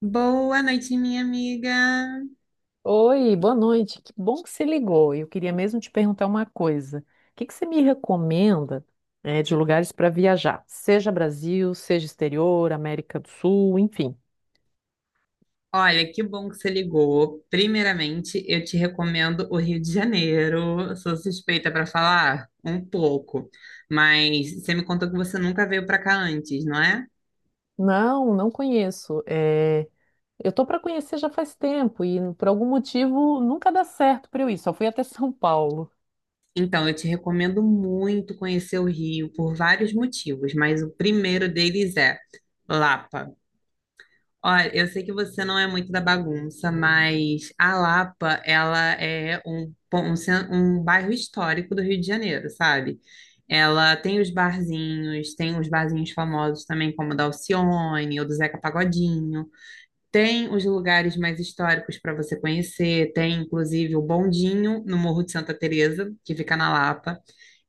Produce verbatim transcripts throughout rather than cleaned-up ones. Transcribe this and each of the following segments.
Boa noite, minha amiga. Oi, boa noite. Que bom que você ligou. Eu queria mesmo te perguntar uma coisa. O que que você me recomenda, eh, de lugares para viajar? Seja Brasil, seja exterior, América do Sul, enfim. Olha, que bom que você ligou. Primeiramente, eu te recomendo o Rio de Janeiro. Sou suspeita para falar um pouco, mas você me contou que você nunca veio para cá antes, não é? Não, não conheço. Eh, eu tô para conhecer já faz tempo e por algum motivo nunca dá certo para eu ir. Só fui até São Paulo. Então, eu te recomendo muito conhecer o Rio por vários motivos, mas o primeiro deles é Lapa. Olha, eu sei que você não é muito da bagunça, mas a Lapa, ela é um, pon- um, cen- um bairro histórico do Rio de Janeiro, sabe? Ela tem os barzinhos, tem os barzinhos famosos também, como o da Alcione ou do Zeca Pagodinho. Tem os lugares mais históricos para você conhecer. Tem, inclusive, o Bondinho, no Morro de Santa Teresa, que fica na Lapa.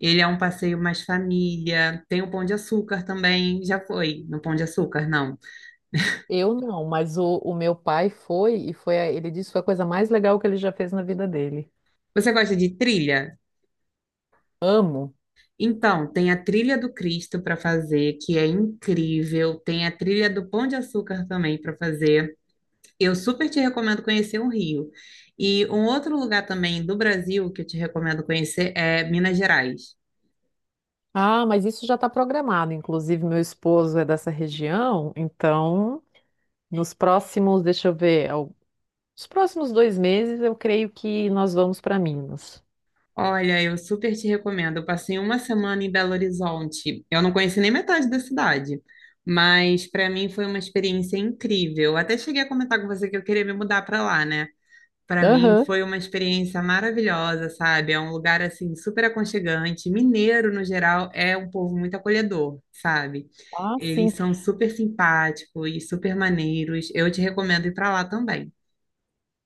Ele é um passeio mais família. Tem o Pão de Açúcar também. Já foi no Pão de Açúcar, não? Eu não, mas o, o meu pai foi e foi, a- ele disse que foi a coisa mais legal que ele já fez na vida dele. Você gosta de trilha? Amo. Então, tem a trilha do Cristo para fazer, que é incrível. Tem a trilha do Pão de Açúcar também para fazer. Eu super te recomendo conhecer o Rio. E um outro lugar também do Brasil que eu te recomendo conhecer é Minas Gerais. Ah, mas isso já está programado. Inclusive, meu esposo é dessa região, então, nos próximos, deixa eu ver, ao- os próximos dois meses, eu creio que nós vamos para Minas. Olha, eu super te recomendo. Eu passei uma semana em Belo Horizonte. Eu não conheci nem metade da cidade, mas para mim foi uma experiência incrível. Até cheguei a comentar com você que eu queria me mudar para lá, né? Para mim Aham. foi uma experiência maravilhosa, sabe? É um lugar assim super aconchegante. Mineiro, no geral, é um povo muito acolhedor, sabe? Ah, sim. Eles são super simpáticos e super maneiros. Eu te recomendo ir para lá também.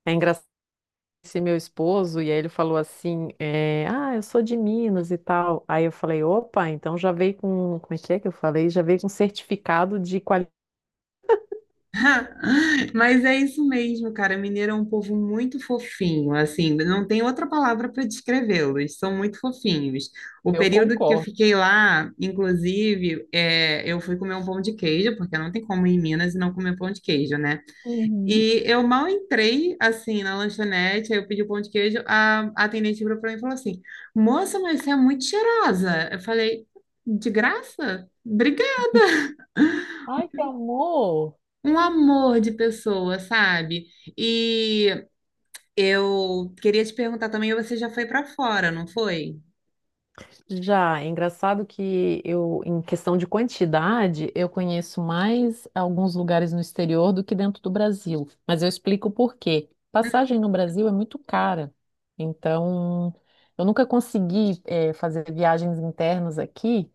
É engraçado esse meu esposo, e aí ele falou assim, é, ah, eu sou de Minas e tal. Aí eu falei, opa, então já veio com, como é que é que eu falei? Já veio com certificado de qualidade. Mas é isso mesmo, cara. Mineiro é um povo muito fofinho, assim, não tem outra palavra para descrevê-los. São muito fofinhos. O Eu período que eu concordo. fiquei lá, inclusive, é, eu fui comer um pão de queijo, porque não tem como ir em Minas e não comer pão de queijo, né? Uhum. E eu mal entrei, assim, na lanchonete, aí eu pedi o pão de queijo, a, a atendente virou pra mim e falou assim, moça, mas você é muito cheirosa. Eu falei, de graça? Obrigada. Ai, que amor! Um amor de pessoa, sabe? E eu queria te perguntar também, você já foi pra fora, não foi? Já, é engraçado que eu, em questão de quantidade, eu conheço mais alguns lugares no exterior do que dentro do Brasil. Mas eu explico por quê. Passagem no Brasil é muito cara. Então, eu nunca consegui, eh, fazer viagens internas aqui.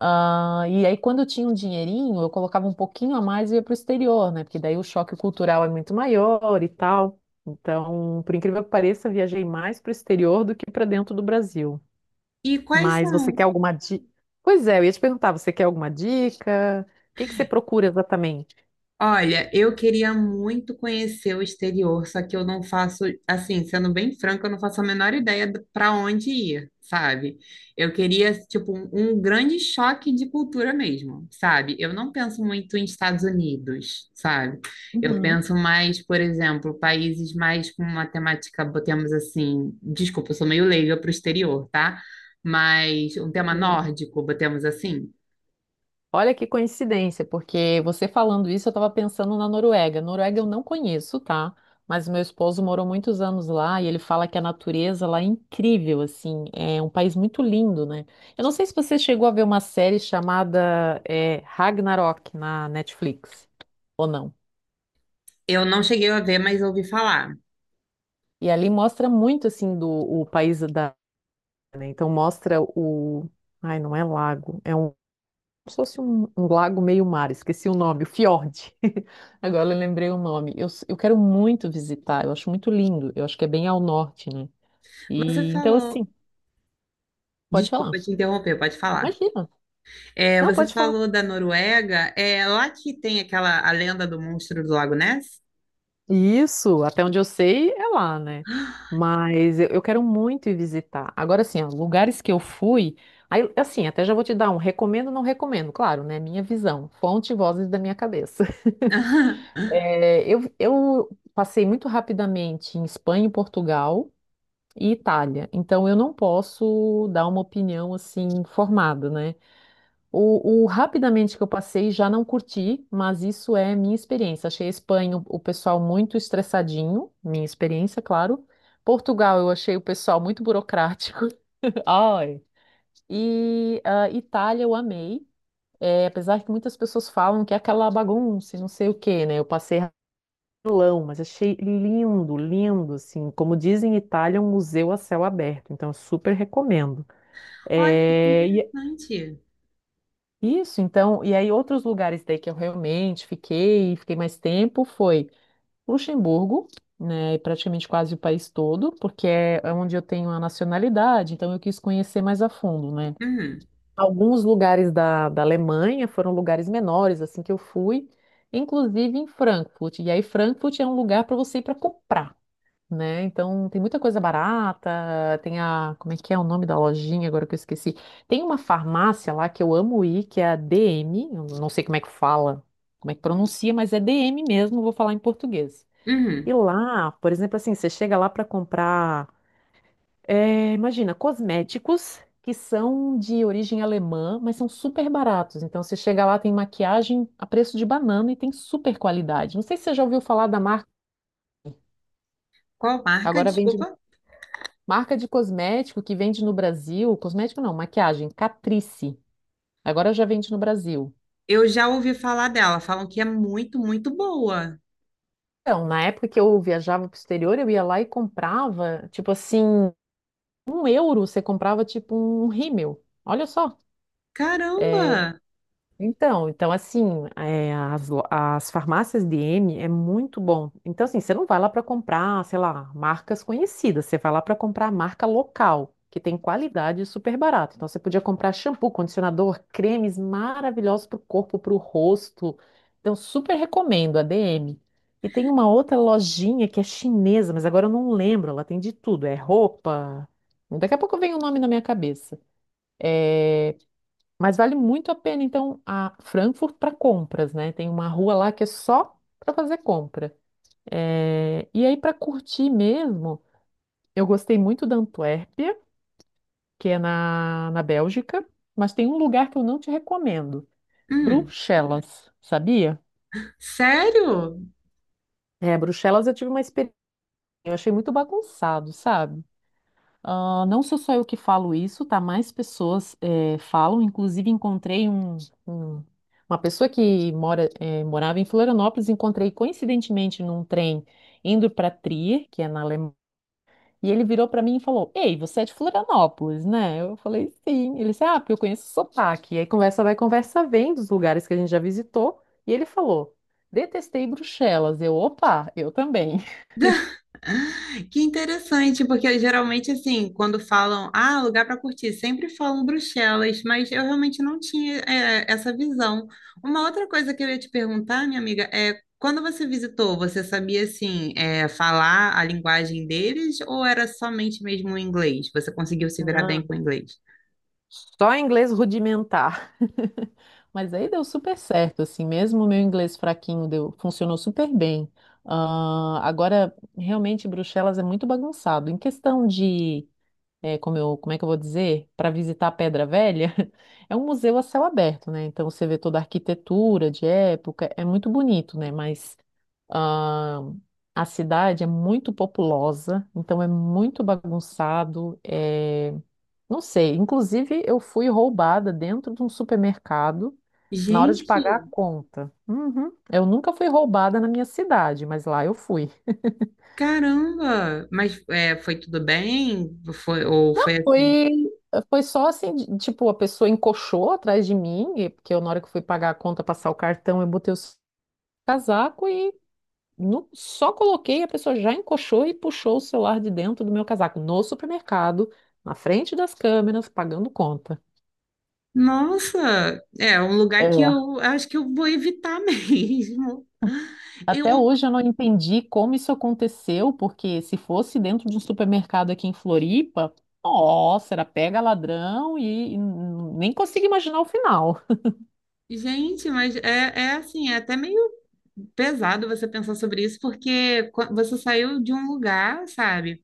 Ah, e aí, quando eu tinha um dinheirinho, eu colocava um pouquinho a mais e ia para o exterior, né? Porque daí o choque cultural é muito maior e tal. Então, por incrível que pareça, eu viajei mais para o exterior do que para dentro do Brasil. E quais Mas você quer são? alguma dica? Pois é, eu ia te perguntar, você quer alguma dica? O que que você procura exatamente? Olha, eu queria muito conhecer o exterior, só que eu não faço, assim, sendo bem franca, eu não faço a menor ideia para onde ir, sabe? Eu queria, tipo, um, um grande choque de cultura mesmo, sabe? Eu não penso muito em Estados Unidos, sabe? Eu Uhum. penso mais, por exemplo, países mais com uma temática, botemos assim, desculpa, eu sou meio leiga para o exterior, tá? Mas um tema Combino. nórdico, botemos assim. Olha que coincidência, porque você falando isso, eu estava pensando na Noruega. Noruega eu não conheço, tá? Mas meu esposo morou muitos anos lá e ele fala que a natureza lá é incrível, assim, é um país muito lindo, né? Eu não sei se você chegou a ver uma série chamada é, Ragnarok na Netflix ou não. Eu não cheguei a ver, mas ouvi falar. E ali mostra muito assim do o país da né? Então mostra o. Ai, não é lago, é um. Como se fosse um, um lago meio mar, esqueci o nome, o fiord. Agora eu lembrei o nome. Eu, s- eu quero muito visitar, eu acho muito lindo, eu acho que é bem ao norte, né? Você E então, falou. assim, pode falar. Desculpa te interromper, pode falar. Imagina. É, Não, você pode falar. falou da Noruega, é lá que tem aquela a lenda do monstro do Lago Ness? Isso, até onde eu sei, é lá, né? Mas eu, eu quero muito ir visitar. Agora, assim, ó, lugares que eu fui. Aí, assim, até já vou te dar um recomendo, não recomendo, claro, né? Minha visão, fonte e vozes da minha cabeça. É, eu, eu passei muito rapidamente em Espanha, Portugal e Itália, então eu não posso dar uma opinião assim formada, né? O, o rapidamente que eu passei já não curti, mas isso é minha experiência. Achei a Espanha o, o pessoal muito estressadinho, minha experiência, claro. Portugal eu achei o pessoal muito burocrático. Ai. E ah, Itália eu amei. É, apesar que muitas pessoas falam que é aquela bagunça, e não sei o quê, né? Eu passei Milão, mas achei lindo, lindo, assim, como dizem em Itália, um museu a céu aberto, então eu super recomendo. Olha, que É, e é interessante. isso, então, e aí outros lugares daí que eu realmente fiquei, fiquei mais tempo, foi Luxemburgo, né, e praticamente quase o país todo, porque é é onde eu tenho a nacionalidade, então eu quis conhecer mais a fundo, né. Uhum, Alguns lugares da, da Alemanha foram lugares menores, assim, que eu fui, inclusive em Frankfurt, e aí Frankfurt é um lugar para você ir para comprar. Né? Então tem muita coisa barata, tem a, como é que é o nome da lojinha agora que eu esqueci? Tem uma farmácia lá que eu amo ir, que é a D M, eu não sei como é que fala, como é que pronuncia, mas é D M mesmo, vou falar em português. uhum. E lá, por exemplo, assim, você chega lá para comprar, eh, imagina, cosméticos que são de origem alemã, mas são super baratos. Então você chega lá, tem maquiagem a preço de banana e tem super qualidade. Não sei se você já ouviu falar da marca, Qual marca? agora vende Desculpa. Marca de cosmético que vende no Brasil, cosmético não, maquiagem, Catrice. Agora já vende no Brasil. Eu já ouvi falar dela, falam que é muito, muito boa. Então, na época que eu viajava pro exterior, eu ia lá e comprava, tipo assim, um euro você comprava tipo um rímel. Olha só. é, Caramba! Então, então assim, é, as, lo- as farmácias D M é muito bom. Então, assim, você não vai lá para comprar, sei lá, marcas conhecidas, você vai lá para comprar marca local, que tem qualidade e super barato. Então, você podia comprar shampoo, condicionador, cremes maravilhosos para o corpo, para o rosto. Então, super recomendo a D M. E tem uma outra lojinha que é chinesa, mas agora eu não lembro, ela tem de tudo, é roupa. Daqui a pouco vem o nome na minha cabeça. Mas vale muito a pena, então, a Frankfurt para compras, né? Tem uma rua lá que é só para fazer compra. Eh, E aí, para curtir mesmo, eu gostei muito da Antuérpia, que é na, na Bélgica, mas tem um lugar que eu não te recomendo, Hum, Bruxelas, sabia? sério? É, Bruxelas eu tive uma experiência, eu achei muito bagunçado, sabe? Ah, não sou só eu que falo isso, tá? Mais pessoas eh, falam. Inclusive, encontrei um, um- uma pessoa que mora, eh, morava em Florianópolis, encontrei coincidentemente num trem indo para Trier, que é na Alemanha, e ele virou para mim e falou: Ei, você é de Florianópolis, né? Eu falei: Sim. Ele disse: Ah, porque eu conheço o sotaque. E aí conversa vai, conversa vem dos lugares que a gente já visitou. E ele falou: Detestei Bruxelas. Eu, opa, eu também. Que interessante, porque geralmente, assim, quando falam, ah, lugar para curtir, sempre falam Bruxelas, mas eu realmente não tinha, é, essa visão. Uma outra coisa que eu ia te perguntar, minha amiga, é quando você visitou, você sabia, assim, é, falar a linguagem deles ou era somente mesmo o inglês? Você conseguiu se virar bem com o inglês? Só inglês rudimentar. Mas aí deu super certo, assim, mesmo o meu inglês fraquinho deu, funcionou super bem. Ah, agora, realmente, Bruxelas é muito bagunçado. Em questão de, eh, como eu, como é que eu vou dizer, para visitar a Pedra Velha, é um museu a céu aberto, né? Então você vê toda a arquitetura de época, é muito bonito, né? Mas ah, a cidade é muito populosa, então é muito bagunçado. É, não sei. Inclusive, eu fui roubada dentro de um supermercado na hora de pagar a Gente, conta. Uhum. Eu nunca fui roubada na minha cidade, mas lá eu fui. caramba! Mas é, foi tudo bem? Foi, ou foi assim? Foi, foi só assim, de- tipo, a pessoa encoxou atrás de mim, e- porque eu, na hora que eu fui pagar a conta, passar o cartão, eu botei o s- casaco e nu- só coloquei, a pessoa já encoxou e puxou o celular de dentro do meu casaco, no supermercado, na frente das câmeras, pagando conta. Nossa, é um lugar que É. eu acho que eu vou evitar mesmo. Eu, Até hoje eu não entendi como isso aconteceu, porque se fosse dentro de um supermercado aqui em Floripa, nossa, era pega ladrão e, e nem consigo imaginar o final. gente, mas é, é, assim, é até meio pesado você pensar sobre isso, porque qua- você saiu de um lugar, sabe?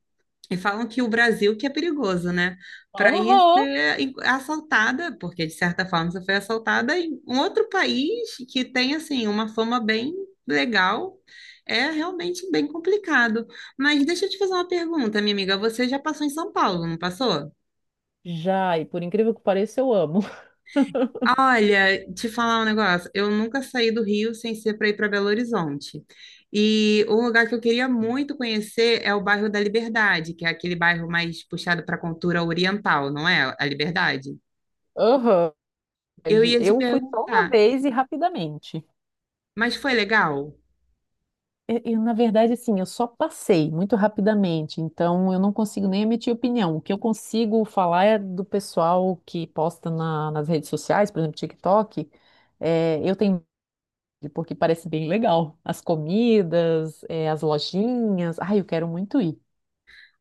E falam que o Brasil que é perigoso, né? Para ir Aham. ser in- assaltada, porque de certa forma você foi assaltada em um outro país que tem assim uma fama bem legal, é realmente bem complicado. Mas deixa eu te fazer uma pergunta, minha amiga. Você já passou em São Paulo, não passou? Já, e por incrível que pareça, eu amo. Olha, te falar um negócio. Eu nunca saí do Rio sem ser para ir para Belo Horizonte. E um lugar que eu queria muito conhecer é o bairro da Liberdade, que é aquele bairro mais puxado para a cultura oriental, não é? A Liberdade. Aham. Eu ia te Eu fui só uma perguntar, vez e rapidamente. mas foi legal? Eu, eu, na verdade, assim, eu só passei muito rapidamente, então eu não consigo nem emitir opinião. O que eu consigo falar é do pessoal que posta na- nas redes sociais, por exemplo, TikTok. É, eu tenho porque parece bem legal. As comidas, eh, as lojinhas. Ai, eu quero muito ir.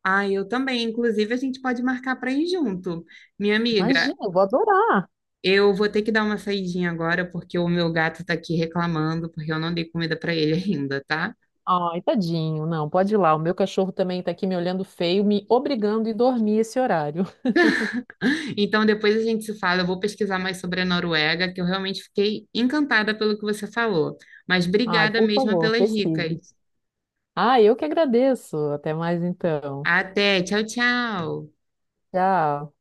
Ah, eu também. Inclusive, a gente pode marcar para ir junto. Minha amiga, Imagina, eu vou adorar. eu vou ter que dar uma saidinha agora porque o meu gato está aqui reclamando porque eu não dei comida para ele ainda, tá? Ai, tadinho, não, pode ir lá. O meu cachorro também está aqui me olhando feio, me obrigando a ir dormir esse horário. Então, depois a gente se fala. Eu vou pesquisar mais sobre a Noruega, que eu realmente fiquei encantada pelo que você falou. Mas Ai, obrigada por mesmo favor, pelas pesquise. dicas. Ah, eu que agradeço. Até mais então. Até, tchau, tchau. Tchau.